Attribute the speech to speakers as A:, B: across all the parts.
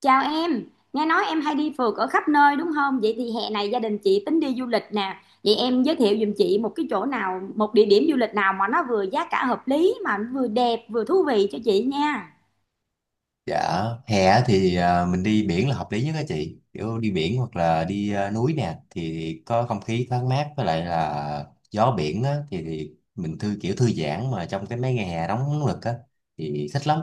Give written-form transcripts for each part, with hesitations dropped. A: Chào em, nghe nói em hay đi phượt ở khắp nơi đúng không? Vậy thì hè này gia đình chị tính đi du lịch nè. Vậy em giới thiệu giùm chị một cái chỗ nào, một địa điểm du lịch nào mà nó vừa giá cả hợp lý mà nó vừa đẹp vừa thú vị cho chị nha.
B: Dạ, hè thì mình đi biển là hợp lý nhất đó chị. Kiểu đi biển hoặc là đi núi nè thì có không khí thoáng mát, với lại là gió biển á, thì mình kiểu thư giãn mà trong cái mấy ngày hè nóng lực á thì thích lắm.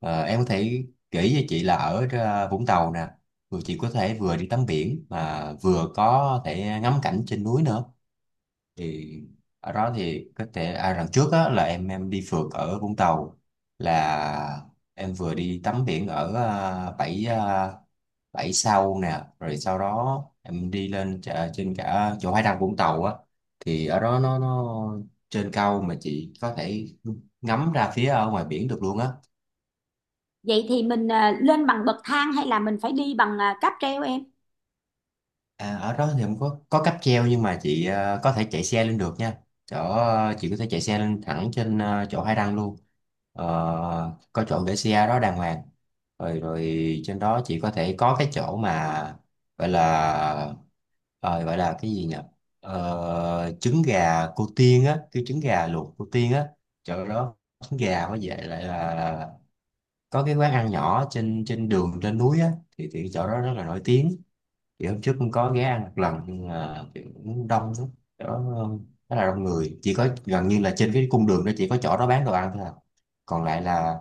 B: Em có thể kể cho chị là ở Vũng Tàu nè, rồi chị có thể vừa đi tắm biển mà vừa có thể ngắm cảnh trên núi nữa, thì ở đó thì có thể, lần trước á, là em đi phượt ở Vũng Tàu, là em vừa đi tắm biển ở à, bãi à, bãi sau nè, rồi sau đó em đi lên trên cả chỗ Hải Đăng Vũng Tàu á, thì ở đó nó trên cao mà chị có thể ngắm ra phía ở ngoài biển được luôn á.
A: Vậy thì mình lên bằng bậc thang hay là mình phải đi bằng cáp treo em?
B: À, ở đó thì không có cáp treo, nhưng mà chị có thể chạy xe lên được nha. Chỗ chị có thể chạy xe lên thẳng trên chỗ hai đăng luôn. Ờ, có chỗ để xe đó đàng hoàng. Rồi rồi trên đó chị có thể có cái chỗ mà gọi là, ờ, gọi là cái gì nhỉ? Trứng gà cô Tiên á, cái trứng gà luộc cô Tiên á. Chỗ đó trứng gà với vậy lại là có cái quán ăn nhỏ trên trên đường trên núi á, thì chỗ đó rất là nổi tiếng, thì hôm trước cũng có ghé ăn một lần nhưng mà kiểu cũng đông lắm đó, rất là đông người, chỉ có gần như là trên cái cung đường đó chỉ có chỗ đó bán đồ ăn thôi à. Còn lại là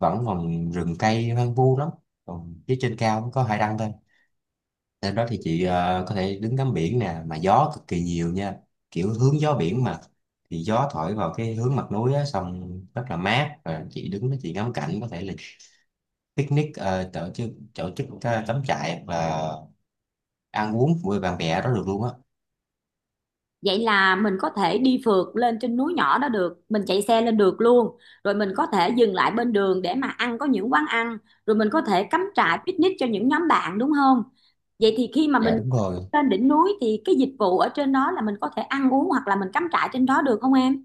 B: vẫn còn rừng cây hoang vu lắm, còn phía trên cao cũng có hải đăng thôi. Trên đó thì chị có thể đứng ngắm biển nè, mà gió cực kỳ nhiều nha, kiểu hướng gió biển mà, thì gió thổi vào cái hướng mặt núi á, xong rất là mát, và chị đứng đó chị ngắm cảnh, có thể là picnic, tổ chức cắm trại và ăn uống với bạn bè đó được luôn á.
A: Vậy là mình có thể đi phượt lên trên núi nhỏ đó được, mình chạy xe lên được luôn. Rồi mình có thể dừng lại bên đường để mà ăn có những quán ăn, rồi mình có thể cắm trại picnic cho những nhóm bạn đúng không? Vậy thì khi mà
B: Dạ
A: mình
B: đúng rồi,
A: lên đỉnh núi thì cái dịch vụ ở trên đó là mình có thể ăn uống hoặc là mình cắm trại trên đó được không em?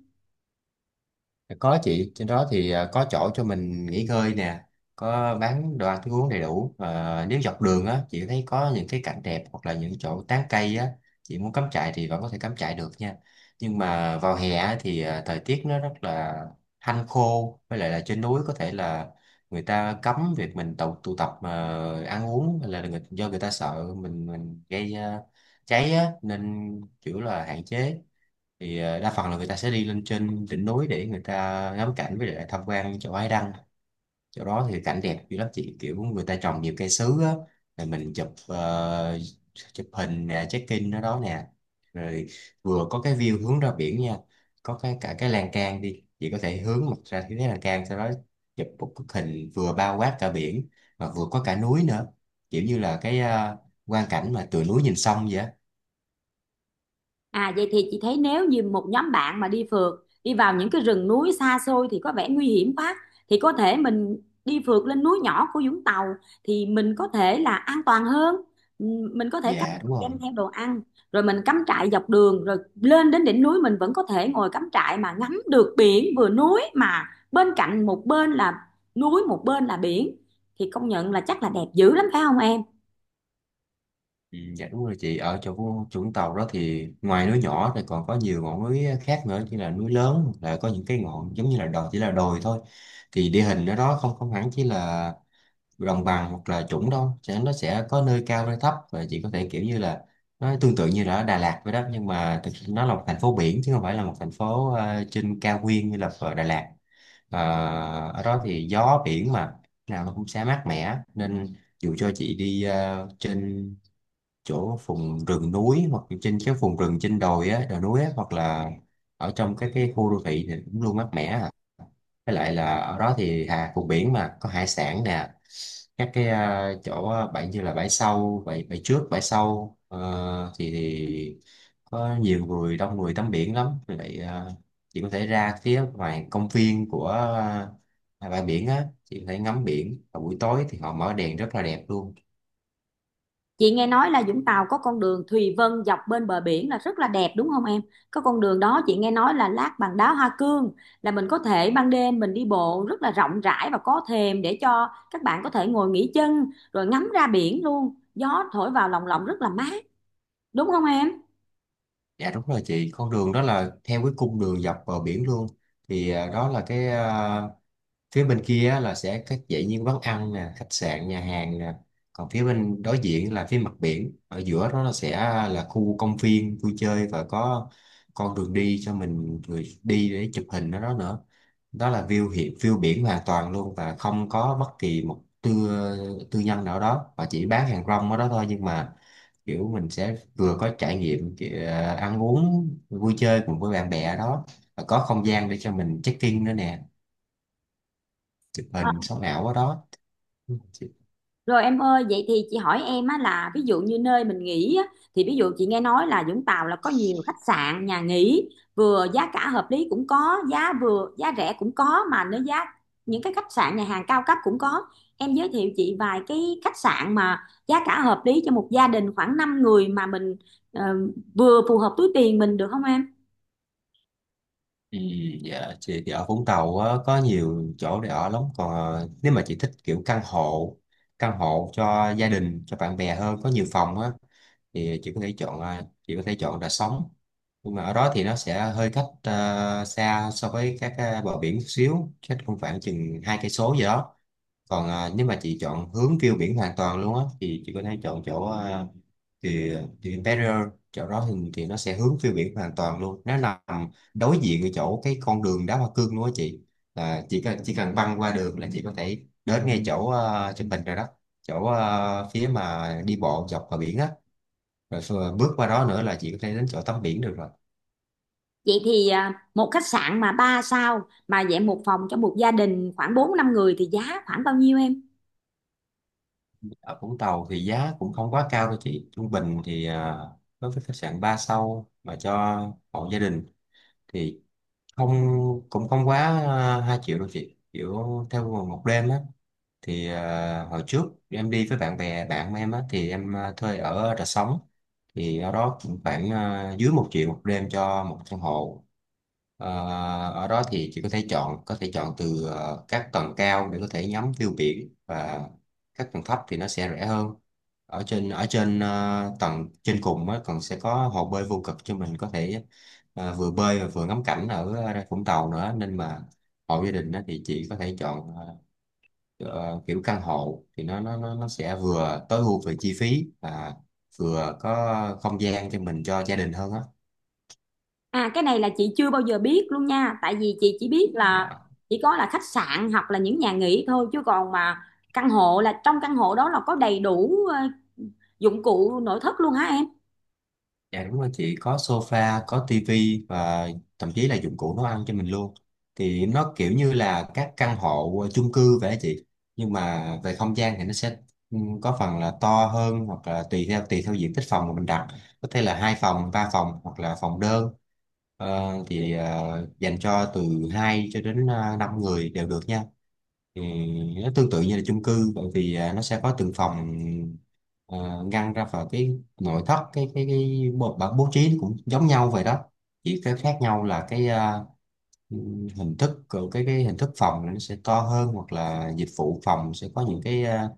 B: có chị, trên đó thì có chỗ cho mình nghỉ ngơi nè, có bán đồ ăn thức uống đầy đủ. Và nếu dọc đường á, chị thấy có những cái cảnh đẹp hoặc là những chỗ tán cây á, chị muốn cắm trại thì vẫn có thể cắm trại được nha. Nhưng mà vào hè á, thì thời tiết nó rất là hanh khô, với lại là trên núi có thể là người ta cấm việc mình tụ tập mà ăn uống, hay là do người ta sợ mình gây cháy á, nên kiểu là hạn chế. Thì đa phần là người ta sẽ đi lên trên đỉnh núi để người ta ngắm cảnh, với lại tham quan chỗ Ái Đăng. Chỗ đó thì cảnh đẹp dữ lắm chị, kiểu người ta trồng nhiều cây sứ á, rồi mình chụp hình nè, check in ở đó nè, rồi vừa có cái view hướng ra biển nha, có cái cả cái lan can, đi chị có thể hướng mặt ra phía cái lan can, sau đó chụp một bức hình vừa bao quát cả biển mà vừa có cả núi nữa, kiểu như là cái quang cảnh mà từ núi nhìn sông vậy á.
A: À vậy thì chị thấy nếu như một nhóm bạn mà đi phượt đi vào những cái rừng núi xa xôi thì có vẻ nguy hiểm quá, thì có thể mình đi phượt lên núi nhỏ của Vũng Tàu thì mình có thể là an toàn hơn. Ừm, mình có thể cắm
B: Dạ đúng
A: trại đem
B: rồi.
A: theo đồ ăn, rồi mình cắm trại dọc đường rồi lên đến đỉnh núi mình vẫn có thể ngồi cắm trại mà ngắm được biển vừa núi, mà bên cạnh một bên là núi một bên là biển thì công nhận là chắc là đẹp dữ lắm phải không em?
B: Ừ, dạ đúng rồi chị. Ở chỗ Vũng Vũng Tàu đó thì ngoài núi nhỏ thì còn có nhiều ngọn núi khác nữa, như là núi lớn, hoặc là có những cái ngọn giống như là đồi, chỉ là đồi thôi. Thì địa hình ở đó không không hẳn chỉ là đồng bằng hoặc là trũng đâu, nó sẽ có nơi cao nơi thấp, và chị có thể kiểu như là, nó tương tự như là ở Đà Lạt vậy đó, nhưng mà thực sự nó là một thành phố biển chứ không phải là một thành phố trên cao nguyên như là ở Đà Lạt. Ờ, ở đó thì gió biển mà, nào nó cũng sẽ mát mẻ, nên dù cho chị đi trên chỗ vùng rừng núi, hoặc trên cái vùng rừng trên đồi á, đồi núi á, hoặc là ở trong cái khu đô thị thì cũng luôn mát mẻ à. Với lại là ở đó thì hà vùng biển mà có hải sản nè, các cái chỗ bãi, như là bãi sau, bãi bãi trước, bãi sau thì có nhiều người, đông người tắm biển lắm. Vì vậy chị có thể ra phía ngoài công viên của bãi biển á, chị có thể ngắm biển, và buổi tối thì họ mở đèn rất là đẹp luôn.
A: Chị nghe nói là Vũng Tàu có con đường Thùy Vân dọc bên bờ biển là rất là đẹp đúng không em? Có con đường đó chị nghe nói là lát bằng đá hoa cương, là mình có thể ban đêm mình đi bộ rất là rộng rãi và có thềm để cho các bạn có thể ngồi nghỉ chân rồi ngắm ra biển luôn. Gió thổi vào lồng lộng rất là mát, đúng không em?
B: Dạ đúng rồi chị, con đường đó là theo cái cung đường dọc bờ biển luôn. Thì đó là cái, phía bên kia á là sẽ các dãy những quán ăn nè, khách sạn nhà hàng nè, còn phía bên đối diện là phía mặt biển, ở giữa đó là sẽ là khu công viên vui chơi, và có con đường đi cho mình, người đi để chụp hình ở đó nữa, đó là view biển hoàn toàn luôn, và không có bất kỳ một tư tư nhân nào đó, và chỉ bán hàng rong ở đó thôi, nhưng mà kiểu mình sẽ vừa có trải nghiệm kiểu ăn uống vui chơi cùng với bạn bè ở đó, và có không gian để cho mình check in nữa nè, chụp hình sống ảo ở đó chị.
A: Rồi em ơi, vậy thì chị hỏi em á là ví dụ như nơi mình nghỉ á, thì ví dụ chị nghe nói là Vũng Tàu là có nhiều khách sạn, nhà nghỉ vừa giá cả hợp lý cũng có, giá vừa giá rẻ cũng có, mà nếu giá những cái khách sạn nhà hàng cao cấp cũng có. Em giới thiệu chị vài cái khách sạn mà giá cả hợp lý cho một gia đình khoảng 5 người mà mình ờ, vừa phù hợp túi tiền mình được không em?
B: Ừ, dạ chị, thì ở Vũng Tàu á, có nhiều chỗ để ở lắm. Còn nếu mà chị thích kiểu căn hộ cho gia đình cho bạn bè hơn, có nhiều phòng á, thì chị có thể chọn Đà Sống, nhưng mà ở đó thì nó sẽ hơi cách xa so với các bờ biển chút xíu, cách cũng khoảng chừng 2 cây số gì đó. Còn nếu mà chị chọn hướng view biển hoàn toàn luôn á thì chị có thể chọn chỗ thì The Imperial. Chỗ đó thì nó sẽ hướng phiêu biển hoàn toàn luôn, nó nằm đối diện cái chỗ cái con đường đá hoa cương luôn á chị, là chỉ cần băng qua đường là chị có thể đến ngay chỗ Trần Bình rồi đó, chỗ phía mà đi bộ dọc bờ biển á, rồi bước qua đó nữa là chị có thể đến chỗ tắm biển được rồi.
A: Vậy thì một khách sạn mà 3 sao mà dạng một phòng cho một gia đình khoảng 4 5 người thì giá khoảng bao nhiêu em?
B: Ở Vũng Tàu thì giá cũng không quá cao đâu chị, trung bình thì đối với khách sạn 3 sao mà cho hộ gia đình thì không cũng không quá 2 triệu đâu chị, kiểu theo một đêm á. Thì hồi trước em đi với bạn em á, thì em thuê ở Rà Sống, thì ở đó cũng khoảng dưới 1 triệu một đêm cho một căn hộ. Ờ, ở đó thì chị có thể chọn từ các tầng cao để có thể ngắm view biển, và các tầng thấp thì nó sẽ rẻ hơn. Ở trên tầng trên cùng á còn sẽ có hồ bơi vô cực cho mình có thể vừa bơi và vừa ngắm cảnh ở Vũng Tàu nữa, nên mà hộ gia đình á, thì chị có thể chọn kiểu căn hộ thì nó sẽ vừa tối ưu về chi phí và vừa có không gian cho mình cho gia đình hơn á.
A: À cái này là chị chưa bao giờ biết luôn nha. Tại vì chị chỉ biết là
B: Dạ.
A: chỉ có là khách sạn hoặc là những nhà nghỉ thôi, chứ còn mà căn hộ là trong căn hộ đó là có đầy đủ dụng cụ nội thất luôn hả em?
B: Dạ đúng rồi chị, có sofa, có tivi và thậm chí là dụng cụ nấu ăn cho mình luôn. Thì nó kiểu như là các căn hộ chung cư vậy á chị. Nhưng mà về không gian thì nó sẽ có phần là to hơn, hoặc là tùy theo diện tích phòng mà mình đặt. Có thể là hai phòng, ba phòng hoặc là phòng đơn. Dành cho từ 2 cho đến 5 người đều được nha, thì nó tương tự như là chung cư, bởi vì nó sẽ có từng phòng à, ngăn ra vào. Cái nội thất, cái bố, bố bố trí cũng giống nhau vậy đó. Chỉ cái khác nhau là hình thức, của cái hình thức phòng nó sẽ to hơn, hoặc là dịch vụ phòng sẽ có những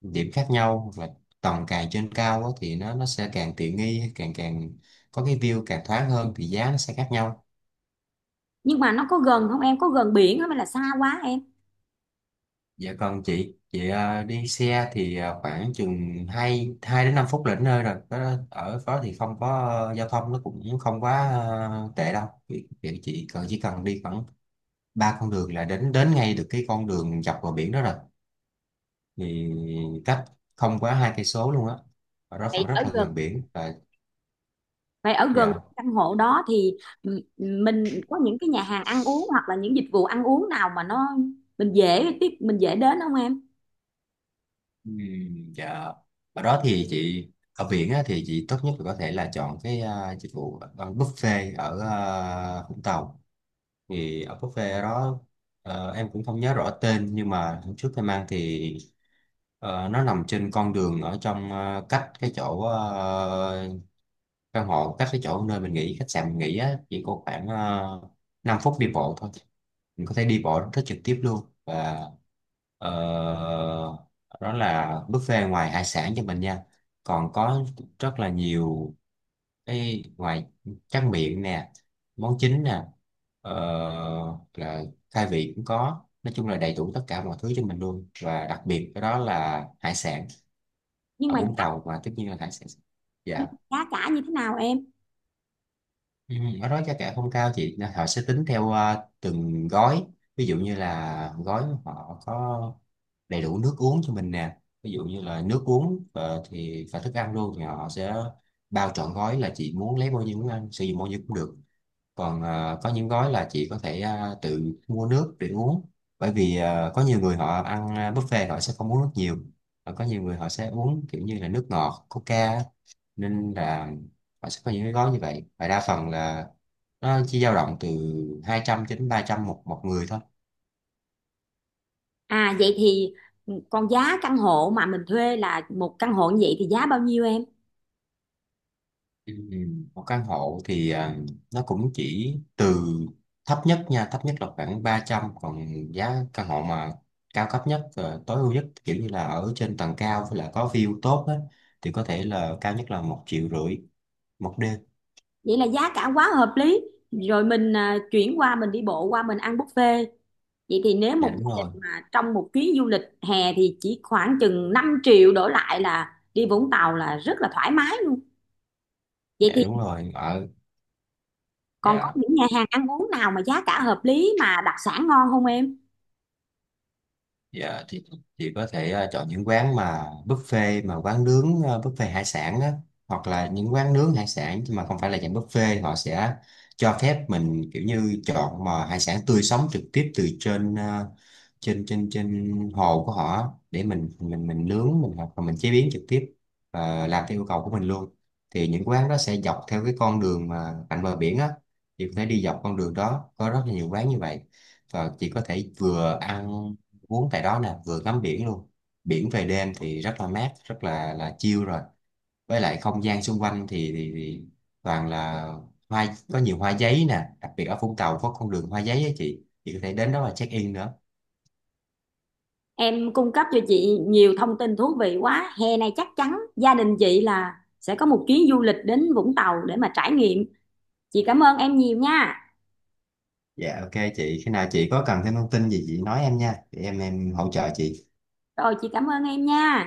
B: điểm khác nhau, hoặc là tầng càng trên cao á thì nó sẽ càng tiện nghi, càng càng có cái view càng thoáng hơn, thì giá nó sẽ khác nhau.
A: Nhưng mà nó có gần không em, có gần biển không hay là xa quá em?
B: Dạ còn chị, đi xe thì khoảng chừng 2 đến 5 phút là đến nơi rồi. Đó, ở đó thì không có giao thông nó cũng không quá tệ đâu. Vì, vì chị cần chỉ cần đi khoảng ba con đường là đến đến ngay được cái con đường dọc vào biển đó rồi. Thì cách không quá 2 cây số luôn á. Ở đó vẫn
A: Vậy
B: rất
A: ở
B: là
A: gần
B: gần biển và.
A: Vậy ở gần
B: Dạ.
A: căn hộ đó thì mình có những cái nhà hàng ăn uống hoặc là những dịch vụ ăn uống nào mà nó mình dễ tiếp mình dễ đến không em?
B: Dạ. Ở đó thì chị, ở biển á, thì chị tốt nhất là có thể là chọn cái dịch vụ, buffet ở Vũng Tàu. Thì ở buffet đó, em cũng không nhớ rõ tên, nhưng mà hôm trước em ăn thì, nó nằm trên con đường ở trong, cách cái chỗ, căn hộ, cách cái chỗ nơi mình nghỉ, khách sạn mình nghỉ á, chỉ có khoảng uh, 5 phút đi bộ thôi. Mình có thể đi bộ rất trực tiếp luôn, và ờ, đó là buffet, ngoài hải sản cho mình nha, còn có rất là nhiều cái, ngoài tráng miệng nè, món chính nè, ờ, là khai vị cũng có. Nói chung là đầy đủ tất cả mọi thứ cho mình luôn, và đặc biệt cái đó là hải sản.
A: Nhưng
B: Ở
A: mà
B: Vũng
A: giá,
B: Tàu mà, tất nhiên là hải sản.
A: nhưng
B: Dạ.
A: mà giá cả như thế nào em?
B: ừ, Ở đó giá cả không cao chị. Nên họ sẽ tính theo từng gói. Ví dụ như là gói họ có đầy đủ nước uống cho mình nè, ví dụ như là nước uống thì và thức ăn luôn, thì họ sẽ bao trọn gói, là chị muốn lấy bao nhiêu, muốn ăn sử dụng bao nhiêu cũng được. Còn có những gói là chị có thể tự mua nước để uống. Bởi vì có nhiều người họ ăn buffet họ sẽ không uống nước nhiều, và có nhiều người họ sẽ uống kiểu như là nước ngọt coca á. Nên là họ sẽ có những cái gói như vậy, và đa phần là nó chỉ dao động từ 200 cho đến 300 một một người thôi.
A: À vậy thì còn giá căn hộ mà mình thuê là một căn hộ như vậy thì giá bao nhiêu em?
B: Ừ, Một căn hộ thì nó cũng chỉ từ thấp nhất nha, thấp nhất là khoảng 300. Còn giá căn hộ mà cao cấp nhất, tối ưu nhất, kiểu như là ở trên tầng cao, với lại có view tốt á, thì có thể là cao nhất là 1,5 triệu một đêm.
A: Vậy là giá cả quá hợp lý. Rồi mình chuyển qua mình đi bộ qua mình ăn buffet. Vậy thì nếu
B: Dạ
A: một
B: đúng
A: gia
B: rồi.
A: đình mà trong một chuyến du lịch hè thì chỉ khoảng chừng 5 triệu đổ lại là đi Vũng Tàu là rất là thoải mái luôn. Vậy
B: Dạ
A: thì
B: đúng rồi.
A: còn có
B: Dạ.
A: những nhà hàng ăn uống nào mà giá cả hợp lý mà đặc sản ngon không em?
B: Dạ thì chị có thể chọn những quán mà buffet, mà quán nướng, buffet hải sản á, hoặc là những quán nướng hải sản nhưng mà không phải là dạng buffet. Họ sẽ cho phép mình kiểu như chọn mà hải sản tươi sống trực tiếp từ trên à, trên trên trên hồ của họ á, để mình nướng mình, hoặc là mình chế biến trực tiếp và làm theo yêu cầu của mình luôn. Thì những quán đó sẽ dọc theo cái con đường mà cạnh bờ biển á, thì có thể đi dọc con đường đó, có rất là nhiều quán như vậy. Và chị có thể vừa ăn uống tại đó nè, vừa ngắm biển luôn. Biển về đêm thì rất là mát, rất là chill rồi. Với lại không gian xung quanh thì, toàn là hoa, có nhiều hoa giấy nè. Đặc biệt ở Vũng Tàu có con đường hoa giấy á chị có thể đến đó và check in nữa.
A: Em cung cấp cho chị nhiều thông tin thú vị quá. Hè này chắc chắn gia đình chị là sẽ có một chuyến du lịch đến Vũng Tàu để mà trải nghiệm. Chị cảm ơn em nhiều nha.
B: Dạ ok chị, khi nào chị có cần thêm thông tin gì chị nói em nha, để em hỗ trợ chị.
A: Rồi chị cảm ơn em nha.